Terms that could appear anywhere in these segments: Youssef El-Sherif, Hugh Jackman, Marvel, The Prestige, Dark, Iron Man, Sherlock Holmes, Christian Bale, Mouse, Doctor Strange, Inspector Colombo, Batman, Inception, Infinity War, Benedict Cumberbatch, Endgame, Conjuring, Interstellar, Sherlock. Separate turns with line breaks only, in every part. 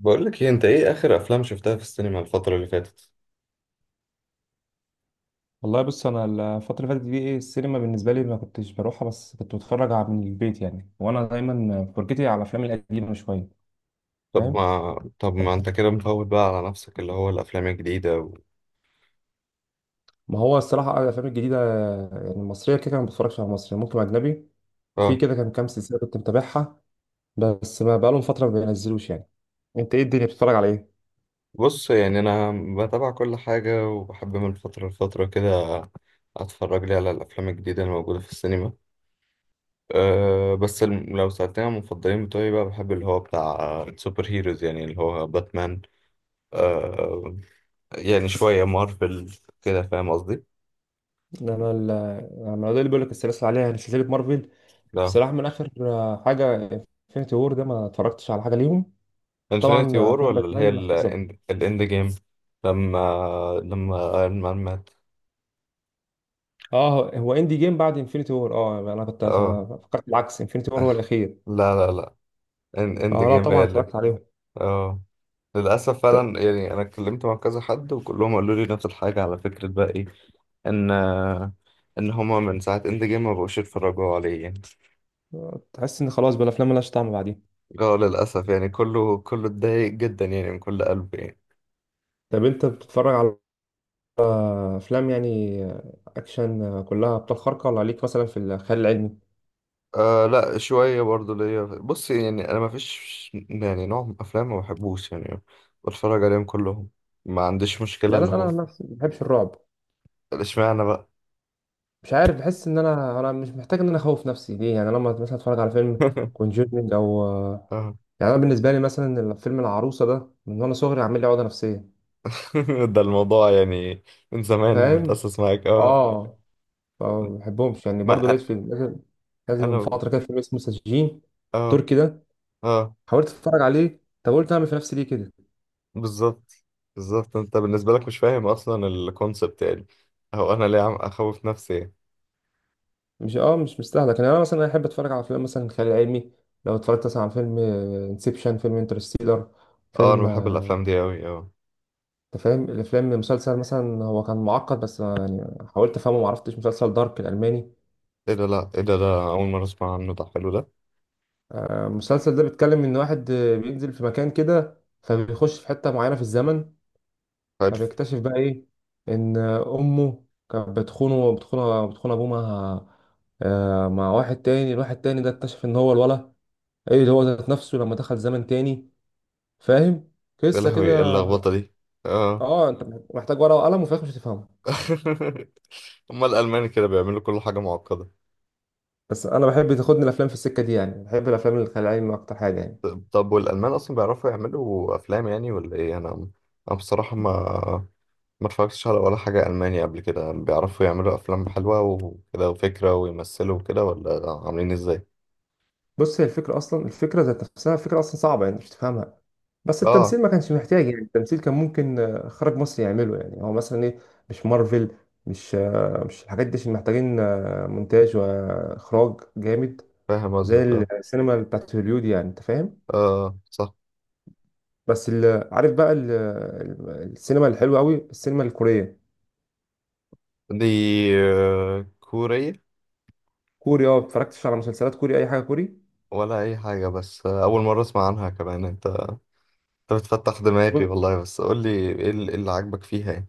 بقول لك ايه؟ انت ايه اخر افلام شفتها في السينما الفتره اللي فاتت؟
والله بص، انا الفتره اللي فاتت دي ايه؟ السينما بالنسبه لي ما كنتش بروحها، بس كنت بتفرج على من البيت يعني، وانا دايما فرجتي على الافلام القديمه شويه.
طب
فاهم.
ما طب
ف-
ما انت كده مفوت بقى على نفسك اللي هو الافلام الجديده و...
ما هو الصراحه الافلام الجديده يعني المصريه كده كده ما بتفرجش على مصري، ممكن اجنبي. وفي
اه
كده كان كام سلسله كنت متابعها، بس ما بقالهم فتره ما بينزلوش يعني. انت ايه الدنيا، بتتفرج على ايه؟
بص يعني انا بتابع كل حاجه، وبحب من فتره لفتره كده اتفرج لي على الافلام الجديده الموجوده في السينما. أه بس لو سألتني عن المفضلين بتوعي بقى، بحب اللي هو بتاع سوبر هيروز، يعني اللي هو باتمان. أه يعني شويه مارفل كده، فاهم قصدي؟
انا ال- انا ده اللي بيقول لك السلاسل عليها، يعني سلسله مارفل.
لا،
الصراحه من اخر حاجه انفينيتي وور ده ما اتفرجتش على حاجه ليهم. طبعا
انفينيتي وور
افلام
ولا اللي هي
باتمان محفظه.
الاند جيم؟ لما لما ايرون مان مات.
اه، هو اندي جيم بعد انفينيتي وور. اه يعني انا كنت
اه،
أنا فكرت العكس، انفينيتي وور هو الاخير.
لا لا لا، اند
اه لا
جيم هي
طبعا
اللي.
اتفرجت عليهم.
اه، للأسف
ت-
فعلا يعني. أنا اتكلمت مع كذا حد وكلهم قالوا لي نفس الحاجة، على فكرة بقى، إيه إن إن هما من ساعة إند جيم ما بقوش يتفرجوا عليه يعني.
تحس ان خلاص بقى الافلام ملهاش طعم بعدين.
اه للأسف يعني، كله كله اتضايق جدا يعني، من كل قلب يعني.
طب انت بتتفرج على افلام يعني اكشن كلها ابطال خارقه، ولا ليك مثلا في الخيال العلمي؟
آه لا، شوية برضو ليا. بص يعني، أنا مفيش يعني نوع من أفلام ما بحبوش يعني، بتفرج عليهم كلهم، ما عنديش مشكلة.
يعني
اللي
انا
هو
عن نفسي ما بحبش الرعب.
اشمعنى بقى؟
مش عارف، بحس ان انا مش محتاج ان انا اخوف نفسي ليه يعني. انا لما مثلا اتفرج على فيلم كونجورنج او
اه.
يعني انا بالنسبه لي مثلا فيلم العروسه ده، من وانا صغري عامل لي عقده نفسيه.
ده الموضوع يعني، من زمان
فاهم.
متأسس معاك، اه.
اه. فما بحبهمش يعني.
ما
برضه لقيت
أ-
فيلم لازم من
أنا،
فترة كده، فيلم اسمه سجين
اه،
تركي ده،
اه،
حاولت اتفرج عليه. طب قلت اعمل في نفسي ليه كده؟
بالظبط، بالظبط. أنت بالنسبة لك مش فاهم أصلا الكونسبت يعني، هو أنا ليه عم أخوف نفسي يعني.
مش مستاهله. كان انا مثلا احب اتفرج على افلام مثلا خيال علمي، لو اتفرجت مثلا على فيلم انسبشن، فيلم انترستيلر،
اه، أنا
فيلم
بحب الأفلام دي أوي، اه.
انت فاهم الافلام. مسلسل مثلا هو كان معقد بس، يعني حاولت افهمه ما عرفتش، مسلسل دارك الالماني.
إيه ده؟ لأ إيه ده؟ ده أول مرة أسمع عنه، ده حلو ده.
المسلسل ده بيتكلم ان واحد بينزل في مكان كده، فبيخش في حته معينه في الزمن،
حلو.
فبيكتشف بقى ايه؟ ان امه كانت بتخونه بتخون ابوه مع مع واحد تاني. الواحد تاني ده اكتشف ان هو ايه اللي هو ذات نفسه لما دخل زمن تاني. فاهم؟
يا
قصه
لهوي، ايه
كده.
اللخبطة دي؟ اه.
اه انت محتاج ورقه وقلم، وفي الآخر مش هتفهمها.
هما الألمان كده بيعملوا كل حاجة معقدة.
بس انا بحب تاخدني الافلام في السكه دي يعني، بحب الافلام الخيال العلمي اكتر حاجه يعني.
طب، طب والألمان أصلا بيعرفوا يعملوا أفلام يعني ولا إيه؟ أنا بصراحة ما اتفرجتش على ولا حاجة ألماني قبل كده. بيعرفوا يعملوا أفلام حلوة وكده وفكرة ويمثلوا وكده ولا عاملين إزاي؟
بص، هي الفكره اصلا، الفكره ذات نفسها، الفكره اصلا صعبه يعني مش تفهمها، بس
اه،
التمثيل ما كانش محتاج. يعني التمثيل كان ممكن خرج مصر يعمله يعني، هو مثلا ايه؟ مش مارفل، مش الحاجات دي، عشان محتاجين مونتاج واخراج جامد
فاهم
زي
قصدك، اه.
السينما بتاعت هوليود يعني، انت فاهم.
اه صح.
بس عارف بقى السينما الحلوه قوي السينما الكوريه.
دي آه، كورية؟
كوري. اه اتفرجتش على مسلسلات كوري اي حاجه كوري؟
ولا أي حاجة، بس آه، أول مرة أسمع عنها كمان. أنت، أنت بتفتح دماغي والله، بس قول لي إيه اللي، إيه اللي عاجبك فيها يعني؟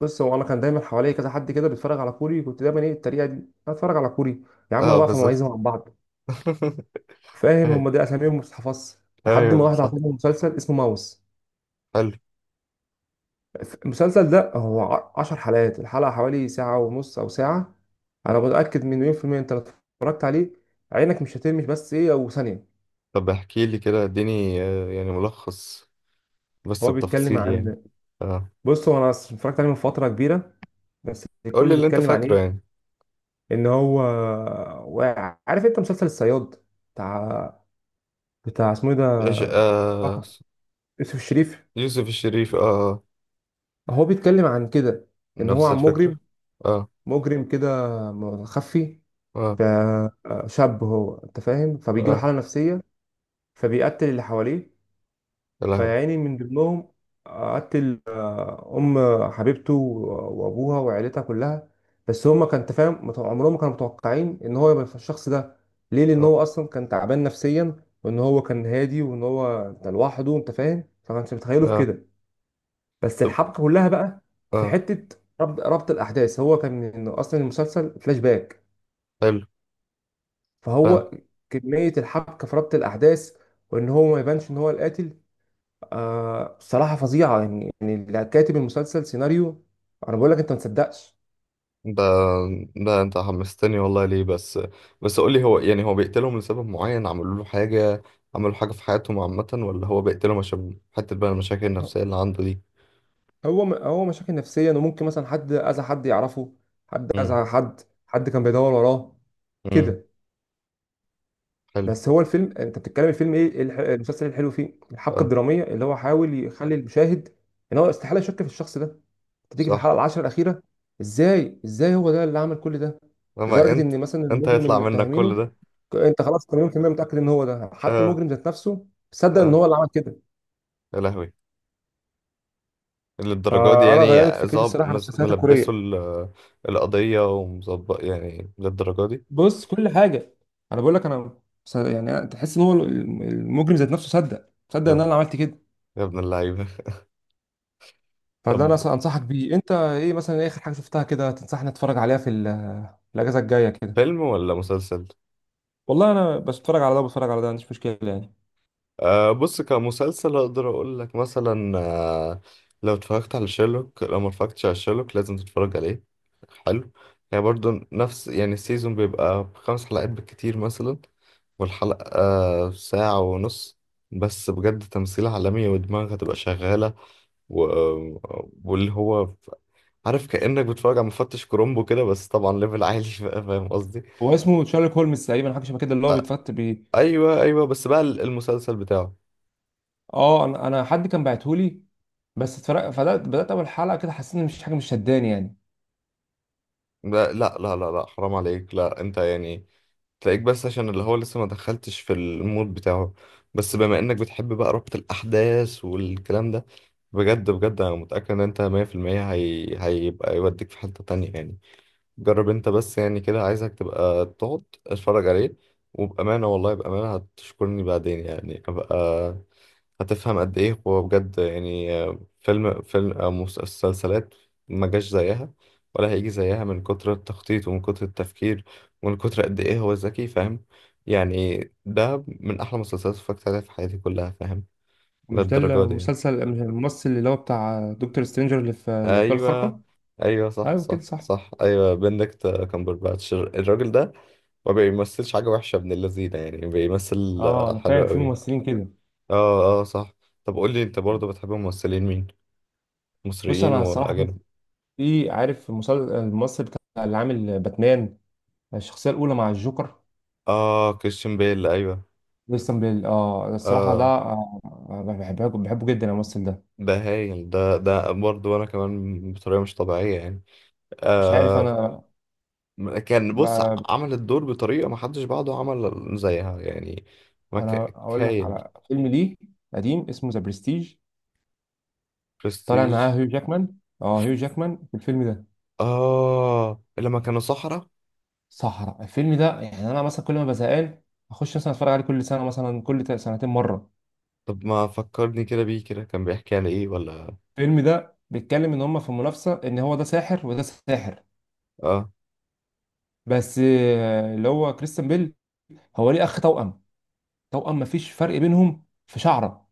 بص هو انا كان دايما حواليا كذا حد كده بيتفرج على كوري، كنت دايما ايه الطريقه دي اتفرج على كوري، يا عم انا
اه
بقى في
بالظبط.
مميزه مع بعض. فاهم، هم دي اساميهم ما بتتحفظش. لحد ما
ايوه
واحد
صح.
عطاني مسلسل اسمه ماوس.
حلو.
المسلسل ده هو 10 حلقات، الحلقة حوالي ساعة ونص أو ساعة. أنا متأكد من 1,000,000%، أنت لو اتفرجت عليه عينك مش هترمش، بس إيه أو ثانية.
طب احكي لي كده، اديني آه، يعني ملخص بس
هو بيتكلم
بتفاصيل يعني.
عن،
اه،
بص، هو أنا اتفرجت عليه من فترة كبيرة، بس
قول لي
كله
اللي انت
بيتكلم عن
فاكره
إيه؟
يعني.
إن هو واقع. عارف أنت مسلسل الصياد بتاع اسمه إيه
ايش
ده؟
آه،
آه، يوسف الشريف.
يوسف الشريف، اه آه،
هو بيتكلم عن كده، إن هو
نفس
عن مجرم،
الفكرة. اه،
مجرم كده مخفي،
اه،
فشاب هو انت فاهم، فبيجيله
اه،
حالة نفسية فبيقتل اللي حواليه.
يا لهوي،
فيعني من ضمنهم قتل ام حبيبته وابوها وعيلتها كلها. بس هما كان انت فاهم، عمرهم ما كانوا متوقعين ان هو يبقى الشخص ده. ليه؟ لان
اه،
هو اصلا كان تعبان نفسيا، وان هو كان هادي، وان هو كان لوحده، انت فاهم، فما كانش متخيله في
اه،
كده. بس
طب،
الحبكة كلها بقى في
اه،
حتة ربط الاحداث، هو كان إنه اصلا المسلسل فلاش باك،
حلو، فاهم.
فهو كمية الحبكة في ربط الأحداث، وإن هو ما يبانش إن هو القاتل. بصراحة فظيعة يعني اللي كاتب المسلسل سيناريو أنا بقول لك أنت ما تصدقش.
ده، ده انت حمستني والله، ليه بس؟ بس قول لي، هو يعني هو بيقتلهم لسبب معين، عملوا له حاجة، عملوا حاجة في حياتهم عامة، ولا هو بيقتلهم عشان حتة بقى المشاكل النفسية اللي عنده دي؟
هو مشاكل نفسية، إنه ممكن مثلا حد أذى حد يعرفه، حد
امم،
أذى حد كان بيدور وراه
امم،
كده.
حلو.
بس هو الفيلم أنت بتتكلم، الفيلم إيه المسلسل الحلو فيه الحبكة
اه
الدرامية اللي هو حاول يخلي المشاهد إن هو استحالة يشك في الشخص ده. تيجي في
صح.
الحلقه العشرة الاخيره، ازاي ازاي هو ده اللي عمل كل ده؟
اما
لدرجه
انت،
ان مثلا
انت
المجرم اللي
هيطلع منك كل
متهمينه
ده؟
انت خلاص 80% متاكد ان هو ده، حتى
اه،
المجرم ذات نفسه صدق ان
اه،
هو اللي عمل كده.
يا لهوي، للدرجة دي
فانا
يعني؟
غيرت فكرتي
ظاب
الصراحه عن
مز-
المسلسلات
ملبسه
الكوريه.
ال- القضية ومظبط يعني للدرجة دي؟
بص كل حاجه انا بقول لك، انا س- يعني أنا- تحس ان هو المجرم ذات نفسه صدق
يا
ان
اب-
انا عملت كده.
يا ابن اللعيبة.
فده
طب
انا أصلاً انصحك بيه. انت ايه مثلا، إيه اخر حاجه شفتها كده تنصحني اتفرج عليها في الاجازه الجايه كده؟
فيلم ولا مسلسل؟
والله انا بس بتفرج على ده وبتفرج على ده، ما عنديش مشكله يعني.
أه بص، كمسلسل اقدر اقول لك مثلا، أه لو اتفرجت على شيرلوك، لو ما اتفرجتش على شيرلوك لازم تتفرج عليه. حلو يعني، برضو نفس يعني، السيزون بيبقى بخمس حلقات بالكتير مثلا، والحلقة أه ساعة ونص. بس بجد تمثيل عالمي، ودماغك هتبقى شغالة، و... واللي هو ف- عارف، كأنك بتتفرج على مفتش كرومبو كده، بس طبعا ليفل عالي. بقى فاهم قصدي؟
هو اسمه شارلوك هولمز تقريبا حاجه شبه كده، اللي هو بيتفت بيه.
ايوه، ايوه، بس بقى المسلسل بتاعه.
اه انا حد كان بعتهولي، بس اتفرق، فبدات اول حلقه كده حسيت ان مفيش حاجه، مش شداني يعني.
لا لا لا لا لا، حرام عليك، لا انت يعني تلاقيك بس عشان اللي هو لسه ما دخلتش في المود بتاعه. بس بما انك بتحب بقى ربط الاحداث والكلام ده، بجد بجد انا متأكد ان انت 100% هي... هيبقى يوديك في حتة تانية يعني. جرب انت بس يعني كده، عايزك تبقى تقعد اتفرج عليه، وبأمانة والله بأمانة هتشكرني بعدين يعني. ابقى هتفهم قد ايه هو بجد يعني، آه، فيلم او مسلسلات ما جاش زيها، ولا هيجي زيها، من كتر التخطيط ومن كتر التفكير ومن كتر قد ايه هو ذكي، فاهم يعني؟ ده من احلى مسلسلات اتفرجت عليها في حياتي كلها، فاهم؟
مش ده
للدرجه دي يعني.
المسلسل، مش الممثل اللي هو بتاع دكتور سترينجر اللي في الابطال
ايوه،
الخارقه؟
ايوه صح
ايوه كده
صح
صح.
صح، ايوه بندكت كامبرباتش الراجل ده. ما بيمثلش حاجه وحشه ابن اللذينه يعني، بيمثل
اه
آه،
انا
حلو
فاهم، في
قوي.
ممثلين كده.
اه، اه صح. طب قول لي انت برضه بتحب ممثلين مين؟
بص
مصريين
انا الصراحه في،
واجانب.
عارف الممثل بتاع اللي عامل باتمان الشخصيه الاولى مع الجوكر؟
اه، كريستيان بيل، ايوه.
كريستيان بيل. اه الصراحه ده
اه،
بحبه بحبه جدا الممثل ده.
ده هايل، ده ده برضه انا كمان بطريقه مش طبيعيه يعني.
مش عارف
آه
انا.
بص، عمل الدور بطريقه ما حدش بعده عمل زيها يعني، ما ك-
اقول لك
هايل.
على فيلم ليه قديم اسمه ذا برستيج، طالع معاه
برستيج،
هيو جاكمان. اه هيو جاكمان في الفيلم ده.
اه، لما كانوا صحراء.
صحراء. الفيلم ده يعني انا مثلا كل ما بزهقان اخش مثلا اتفرج عليه، كل سنه مثلا كل سنتين مره.
طب ما فكرني كده بيه، كده كان بيحكي عن ايه ولا؟
الفيلم ده بيتكلم ان هم في منافسه، ان هو ده ساحر وده ساحر،
اه،
بس اللي هو كريستيان بيل هو ليه اخ توأم، توأم مفيش فرق بينهم في شعره،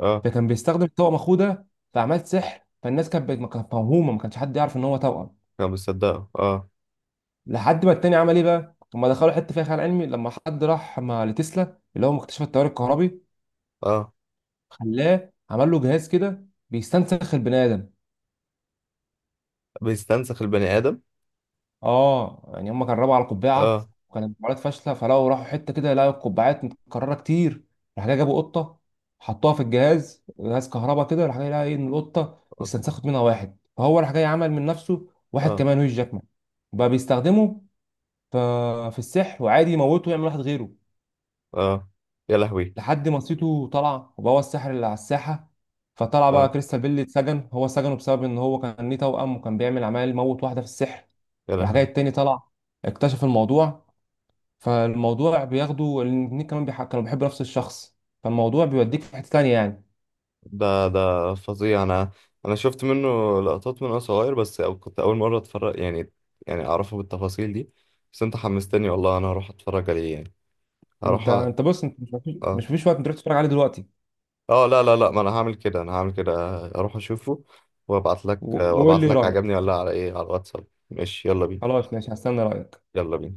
اه،
فكان بيستخدم توأم اخوه ده في اعمال سحر، فالناس كانت ما كانت موهومه، ما كانش حد يعرف ان هو توأم.
كان بيصدقه، اه.
لحد ما التاني عمل ايه بقى؟ هما دخلوا حته فيها خيال علمي، لما حد راح مع لتسلا اللي هو مكتشف التيار الكهربي،
اه،
خلاه عمل له جهاز كده بيستنسخ البني ادم.
بيستنسخ البني ادم.
اه يعني هما جربوا على
اه،
قبعه وكانت محاولات فاشله، فلو راحوا حته كده لقوا القبعات متكرره كتير. راح جاي جابوا قطه، حطوها في الجهاز، جهاز كهرباء كده، راح جاي لقى ايه؟ ان القطه
اه،
استنسخت منها واحد. فهو راح جاي عمل من نفسه واحد
اه،
كمان، هو جاكمان، بقى بيستخدمه ف- في السحر، وعادي يموته ويعمل واحد غيره.
آه. يا لهوي،
لحد ما سيتو طلع وبقى هو الساحر اللي على الساحه، فطلع بقى
اه،
كريستال بيل اتسجن، هو سجنه بسبب ان هو كان ليه توأم وكان بيعمل عمال موت واحده في السحر.
يا
راح جاي
لهوي.
التاني طلع اكتشف الموضوع، فالموضوع بياخده الاتنين كمان كانوا بيحبوا نفس الشخص، فالموضوع بيوديك في حته تانيه يعني.
ده ده فظيع. انا، انا شفت منه لقطات من وانا صغير بس، أو كنت اول مره اتفرج يعني، يعني اعرفه بالتفاصيل دي. بس انت حمستني والله، انا هروح اتفرج عليه يعني،
انت
هروح
بص انت، مش
اه،
مفيش وقت، انت تروح تتفرج عليه دلوقتي.
اه لا لا لا، ما انا هعمل كده، انا هعمل كده، اروح اشوفه، وابعت لك
وقول
وابعت
لي
لك
رايك.
عجبني ولا لا، على ايه، على الواتساب، ماشي، يلا بينا،
خلاص ماشي هستنى رايك.
يلا بينا.